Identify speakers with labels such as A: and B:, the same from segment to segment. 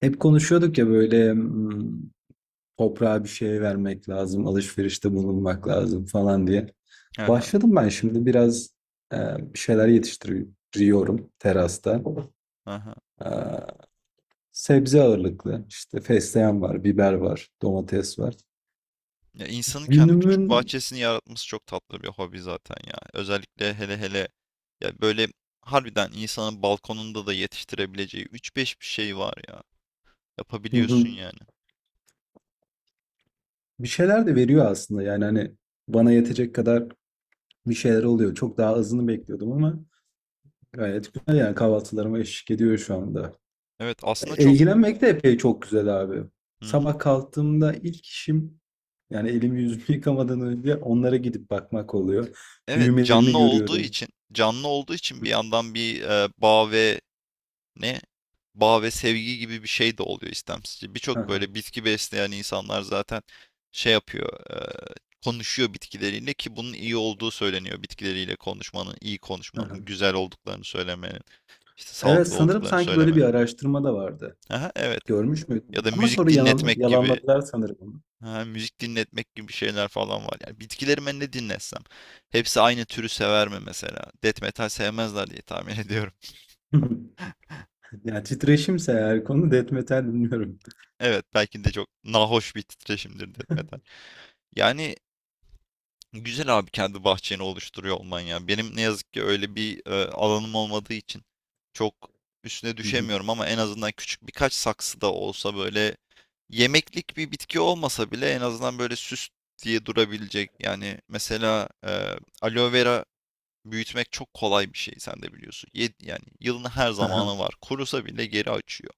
A: Hep konuşuyorduk ya böyle toprağa bir şey vermek lazım, alışverişte bulunmak lazım falan diye.
B: Aha,
A: Başladım ben şimdi biraz e, bir şeyler yetiştiriyorum terasta.
B: aha.
A: E, Sebze ağırlıklı işte fesleğen var, biber var, domates var.
B: Ya insanın kendi küçük
A: Günümün
B: bahçesini yaratması çok tatlı bir hobi zaten ya. Özellikle hele hele ya böyle harbiden insanın balkonunda da yetiştirebileceği üç beş bir şey var ya.
A: Hı hı.
B: Yapabiliyorsun yani.
A: Bir şeyler de veriyor aslında yani hani bana yetecek kadar bir şeyler oluyor. Çok daha azını bekliyordum ama
B: Hı
A: gayet
B: hı.
A: güzel yani kahvaltılarıma eşlik ediyor şu anda.
B: Evet aslında çok.
A: İlgilenmek de epey çok güzel abi.
B: Hı hı.
A: Sabah kalktığımda ilk işim yani elimi yüzümü yıkamadan önce onlara gidip bakmak oluyor.
B: Evet
A: Büyümelerini
B: canlı olduğu
A: görüyorum.
B: için canlı olduğu için bir yandan bir bağ ve ne bağ ve sevgi gibi bir şey de oluyor istemsizce.
A: Hı
B: Birçok
A: hı,
B: böyle bitki besleyen insanlar zaten şey yapıyor, konuşuyor bitkileriyle ki bunun iyi olduğu söyleniyor. Bitkileriyle konuşmanın, iyi
A: hı hı.
B: konuşmanın, güzel olduklarını söylemenin, işte
A: Evet
B: sağlıklı
A: sanırım
B: olduklarını
A: sanki böyle
B: söylemenin.
A: bir araştırma da vardı.
B: Aha, evet.
A: Görmüş
B: Ya
A: müydün?
B: da
A: Ama sonra yalanladılar sanırım onu.
B: müzik dinletmek gibi şeyler falan var. Yani bitkilerime ne dinletsem, hepsi aynı türü sever mi mesela? Death metal sevmezler diye tahmin ediyorum.
A: Yani titreşimse eğer konu death metal bilmiyorum.
B: Evet, belki de çok nahoş bir titreşimdir death
A: Hı
B: metal. Yani güzel abi kendi bahçeni oluşturuyor olman ya. Benim ne yazık ki öyle bir alanım olmadığı için çok üstüne
A: hı,
B: düşemiyorum ama en azından küçük birkaç saksı da olsa böyle yemeklik bir bitki olmasa bile en azından böyle süs diye durabilecek. Yani mesela aloe vera büyütmek çok kolay bir şey sen de biliyorsun. Yani yılın her
A: hı hı.
B: zamanı var. Kurusa bile geri açıyor.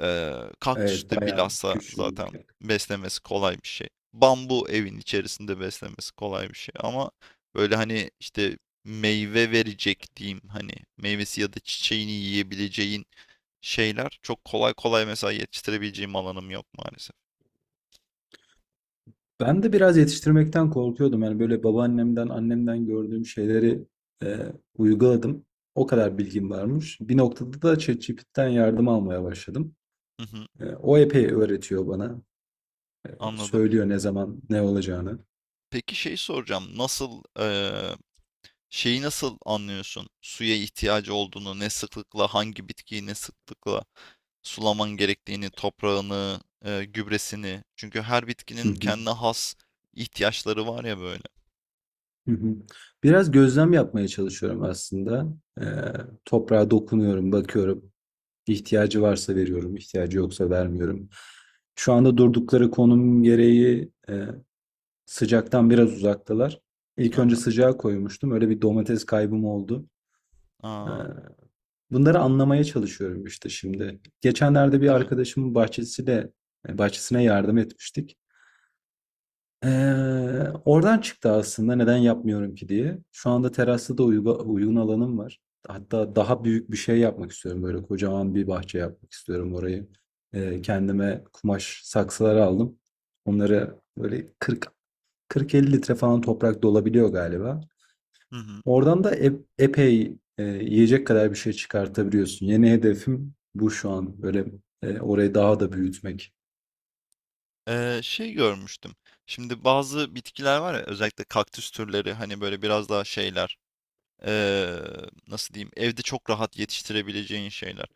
B: Kaktüs
A: Evet
B: de
A: bayağı
B: bilhassa
A: güçlü.
B: zaten beslemesi kolay bir şey. Bambu evin içerisinde beslemesi kolay bir şey. Ama böyle hani işte meyve verecek diyeyim hani meyvesi ya da çiçeğini yiyebileceğin şeyler çok kolay kolay mesela yetiştirebileceğim alanım yok maalesef.
A: Ben de biraz yetiştirmekten korkuyordum. Yani böyle babaannemden, annemden gördüğüm şeyleri e, uyguladım. O kadar bilgim varmış. Bir noktada da ChatGPT'den yardım almaya başladım.
B: Hı hı,
A: O epey öğretiyor bana.
B: anladım.
A: Söylüyor ne zaman ne olacağını.
B: Peki şey soracağım. Nasıl Şeyi nasıl anlıyorsun? Suya ihtiyacı olduğunu, ne sıklıkla, hangi bitkiyi ne sıklıkla sulaman gerektiğini, toprağını, gübresini. Çünkü her
A: Hı
B: bitkinin
A: hı,
B: kendine has ihtiyaçları var ya böyle.
A: hı hı. Biraz gözlem yapmaya çalışıyorum aslında. E, Toprağa dokunuyorum, bakıyorum. İhtiyacı varsa veriyorum, ihtiyacı yoksa vermiyorum. Şu anda durdukları konum gereği sıcaktan biraz uzaktalar. İlk önce
B: Aha.
A: sıcağa koymuştum. Öyle bir domates kaybım oldu. E,
B: Aa,
A: Bunları anlamaya çalışıyorum işte şimdi. Geçenlerde bir
B: değil mi?
A: arkadaşımın bahçesiyle, bahçesine yardım etmiştik. Oradan çıktı aslında neden yapmıyorum ki diye. Şu anda terasta da uygun alanım var. Hatta daha büyük bir şey yapmak istiyorum. Böyle kocaman bir bahçe yapmak istiyorum orayı. Kendime kumaş saksılar aldım. Onları böyle 40 40-50 litre falan toprak dolabiliyor galiba.
B: Hı hı.
A: Oradan da epey yiyecek kadar bir şey çıkartabiliyorsun. Yeni hedefim bu şu an. Böyle orayı daha da büyütmek.
B: Şey görmüştüm. Şimdi bazı bitkiler var ya özellikle kaktüs türleri hani böyle biraz daha şeyler eee, nasıl diyeyim evde çok rahat yetiştirebileceğin şeyler.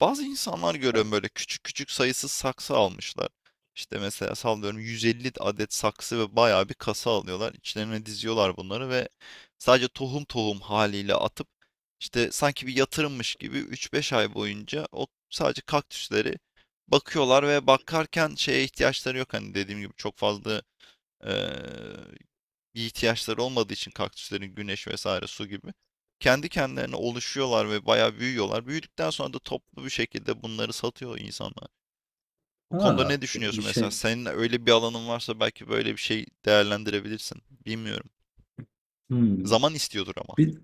B: Bazı insanlar
A: Ha,
B: görüyorum böyle küçük küçük sayısız saksı almışlar. İşte mesela sallıyorum 150 adet saksı ve bayağı bir kasa alıyorlar. İçlerine diziyorlar bunları ve sadece tohum tohum haliyle atıp işte sanki bir yatırımmış gibi 3-5 ay boyunca o sadece kaktüsleri bakıyorlar ve bakarken şeye ihtiyaçları yok. Hani dediğim gibi çok fazla. Eee, Bir ihtiyaçları olmadığı için kaktüslerin güneş vesaire su gibi kendi kendilerine oluşuyorlar ve bayağı büyüyorlar. Büyüdükten sonra da toplu bir şekilde bunları satıyor insanlar. Bu konuda
A: Ha,
B: ne
A: bir
B: düşünüyorsun mesela?
A: şey.
B: Senin öyle bir alanın varsa belki böyle bir şey değerlendirebilirsin. Bilmiyorum.
A: Hmm.
B: Zaman istiyordur ama.
A: Bir,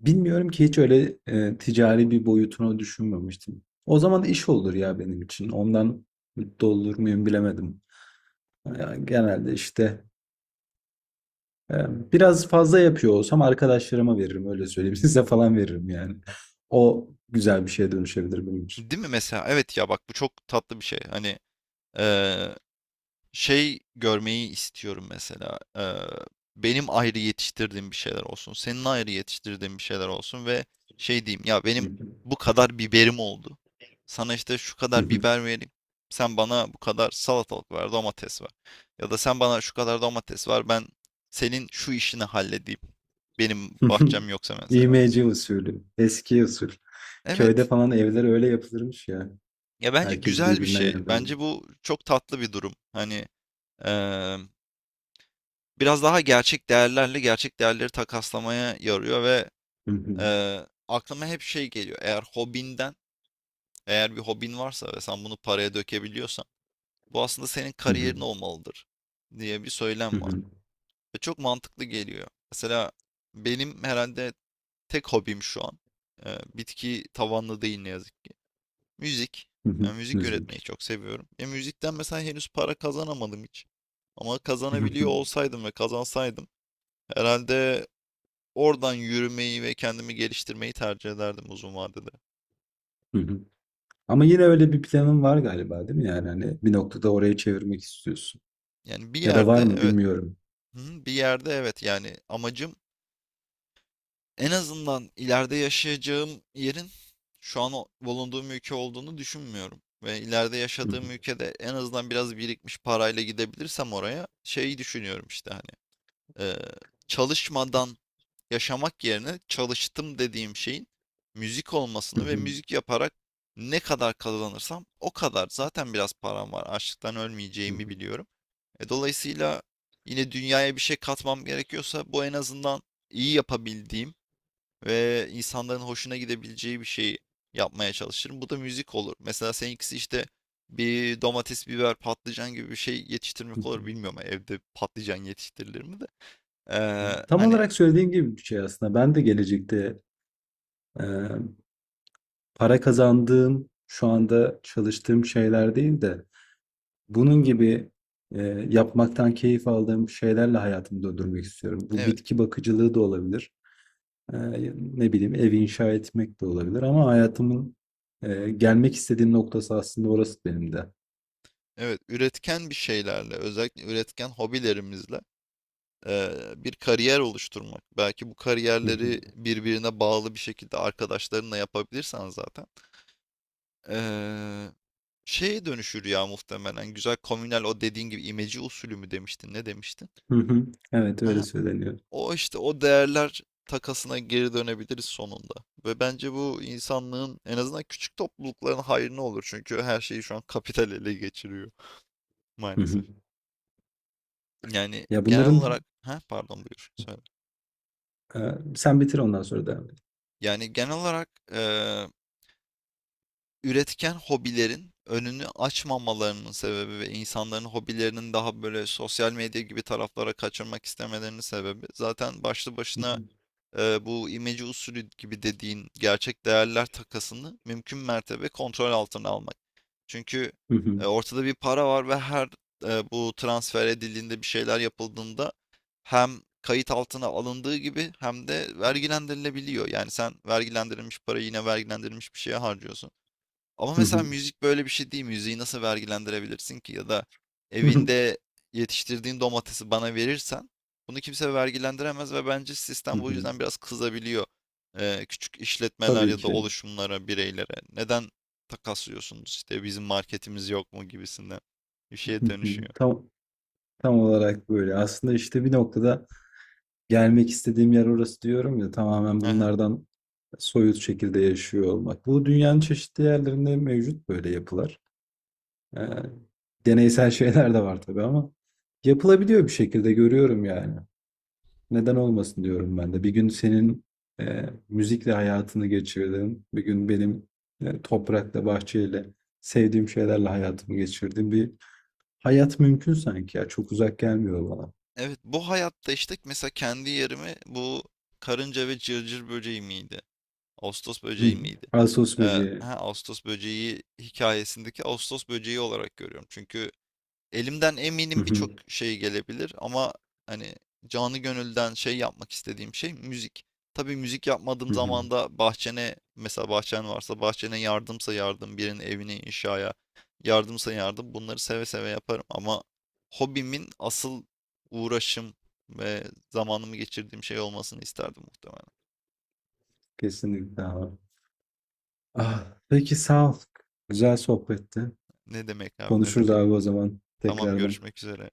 A: Bilmiyorum ki hiç öyle ticari bir boyutunu düşünmemiştim. O zaman iş olur ya benim için. Ondan mutlu olur muyum bilemedim. Yani genelde işte biraz fazla yapıyor olsam arkadaşlarıma veririm öyle söyleyeyim. Size falan veririm yani. O güzel bir şeye dönüşebilir benim için.
B: Değil mi mesela? Evet ya bak bu çok tatlı bir şey. Hani eee, şey görmeyi istiyorum mesela. Benim ayrı yetiştirdiğim bir şeyler olsun. Senin ayrı yetiştirdiğin bir şeyler olsun ve şey diyeyim ya benim bu kadar biberim oldu. Sana işte şu kadar biber vereyim. Sen bana bu kadar salatalık ver, domates ver. Ya da sen bana şu kadar domates ver. Ben senin şu işini halledeyim. Benim bahçem yoksa mesela.
A: İğmeci usulü, eski usul. Köyde
B: Evet.
A: falan evler öyle yapılırmış ya.
B: Ya bence
A: Herkes
B: güzel bir
A: birbirine
B: şey. Bence
A: yardım.
B: bu çok tatlı bir durum. Hani eee biraz daha gerçek değerlerle gerçek değerleri takaslamaya yarıyor ve, aklıma hep şey geliyor, eğer hobinden, eğer bir hobin varsa ve sen bunu paraya dökebiliyorsan, bu aslında senin kariyerin olmalıdır diye bir söylem var ve çok mantıklı geliyor. Mesela benim herhalde tek hobim şu an, bitki tavanlı değil ne yazık ki, müzik. Müzik üretmeyi
A: Müzik.
B: çok seviyorum. Müzikten mesela henüz para kazanamadım hiç ama kazanabiliyor olsaydım ve kazansaydım herhalde oradan yürümeyi ve kendimi geliştirmeyi tercih ederdim uzun vadede.
A: Ama yine öyle bir planın var galiba değil mi? Yani hani bir noktada oraya çevirmek istiyorsun.
B: Yani
A: Ya da var mı bilmiyorum.
B: bir yerde evet yani amacım en azından ileride yaşayacağım yerin şu an bulunduğum ülke olduğunu düşünmüyorum. Ve ileride yaşadığım ülkede en azından biraz birikmiş parayla gidebilirsem oraya şeyi düşünüyorum işte hani eee, çalışmadan yaşamak yerine çalıştım dediğim şeyin müzik olmasını ve müzik yaparak ne kadar kazanırsam o kadar. Zaten biraz param var. Açlıktan ölmeyeceğimi biliyorum. Dolayısıyla yine dünyaya bir şey katmam gerekiyorsa bu en azından iyi yapabildiğim ve insanların hoşuna gidebileceği bir şeyi yapmaya çalışırım. Bu da müzik olur. Mesela seninkisi işte bir domates, biber, patlıcan gibi bir şey yetiştirmek olur. Bilmiyorum evde patlıcan yetiştirilir mi de.
A: Tam
B: Hani
A: olarak söylediğin gibi bir şey aslında. Ben de gelecekte e, para kazandığım, şu anda çalıştığım şeyler değil de bunun gibi e, yapmaktan keyif aldığım şeylerle hayatımı döndürmek istiyorum. Bu
B: evet.
A: bitki bakıcılığı da olabilir. E, Ne bileyim ev inşa etmek de olabilir ama hayatımın gelmek istediğim noktası aslında orası benim de.
B: Evet, üretken bir şeylerle, özellikle üretken hobilerimizle bir kariyer oluşturmak. Belki bu
A: Hı
B: kariyerleri
A: hı.
B: birbirine bağlı bir şekilde arkadaşlarınla yapabilirsen zaten eee, şeye dönüşür ya muhtemelen. Güzel komünel o dediğin gibi imece usulü mü demiştin, ne demiştin?
A: Hı hı. Evet, öyle
B: Aha,
A: söyleniyor.
B: o işte o değerler takasına geri dönebiliriz sonunda. Ve bence bu insanlığın en azından küçük toplulukların hayrına olur. Çünkü her şeyi şu an kapital ele geçiriyor
A: Hı hı.
B: maalesef. Yani
A: Ya
B: genel olarak
A: bunların
B: ha pardon buyur söyle.
A: e, sen bitir ondan sonra devam et.
B: Yani genel olarak üretken hobilerin önünü açmamalarının sebebi ve insanların hobilerinin daha böyle sosyal medya gibi taraflara kaçırmak istemelerinin sebebi zaten başlı
A: Hı
B: başına
A: hı.
B: bu imece usulü gibi dediğin gerçek değerler takasını mümkün mertebe kontrol altına almak. Çünkü
A: Hı hı.
B: ortada bir para var ve her bu transfer edildiğinde bir şeyler yapıldığında hem kayıt altına alındığı gibi hem de vergilendirilebiliyor. Yani sen vergilendirilmiş parayı yine vergilendirilmiş bir şeye harcıyorsun. Ama
A: Hı
B: mesela
A: hı.
B: müzik böyle bir şey değil. Müziği nasıl vergilendirebilirsin ki? Ya da
A: Hı hı.
B: evinde yetiştirdiğin domatesi bana verirsen bunu kimse vergilendiremez ve bence
A: Hı
B: sistem bu
A: hı.
B: yüzden biraz kızabiliyor. Küçük işletmeler
A: Tabii
B: ya da
A: ki.
B: oluşumlara, bireylere. Neden takaslıyorsunuz işte bizim marketimiz yok mu gibisinden bir şeye
A: Hı hı.
B: dönüşüyor.
A: Tam tam olarak böyle. Aslında işte bir noktada gelmek istediğim yer orası diyorum ya tamamen
B: Aha.
A: bunlardan soyut şekilde yaşıyor olmak. Bu dünyanın çeşitli yerlerinde mevcut böyle yapılar. E, Deneysel şeyler de var tabii ama yapılabiliyor bir şekilde görüyorum yani. Neden olmasın diyorum ben de. Bir gün senin müzikle hayatını geçirdim. Bir gün benim toprakla, bahçeyle, sevdiğim şeylerle hayatımı geçirdim. Bir hayat mümkün sanki ya. Çok uzak gelmiyor bana.
B: Evet bu hayatta işte mesela kendi yerimi bu karınca ve cırcır böceği miydi? Ağustos
A: Hı
B: böceği
A: hı.
B: miydi?
A: Ağustos
B: Ee,
A: böceği.
B: ha, Ağustos böceği hikayesindeki Ağustos böceği olarak görüyorum. Çünkü elimden
A: Hı
B: eminim birçok
A: hı,
B: şey gelebilir ama hani canı gönülden şey yapmak istediğim şey müzik. Tabii müzik yapmadığım
A: hı hı.
B: zaman da bahçene mesela bahçen varsa bahçene yardımsa yardım birinin evine inşaya yardımsa yardım bunları seve seve yaparım ama hobimin asıl uğraşım ve zamanımı geçirdiğim şey olmasını isterdim muhtemelen.
A: Kesinlikle abi. Ah, peki sağ ol. Güzel sohbetti.
B: Ne demek abi ne
A: Konuşuruz
B: demek?
A: abi o zaman
B: Tamam
A: tekrardan.
B: görüşmek üzere.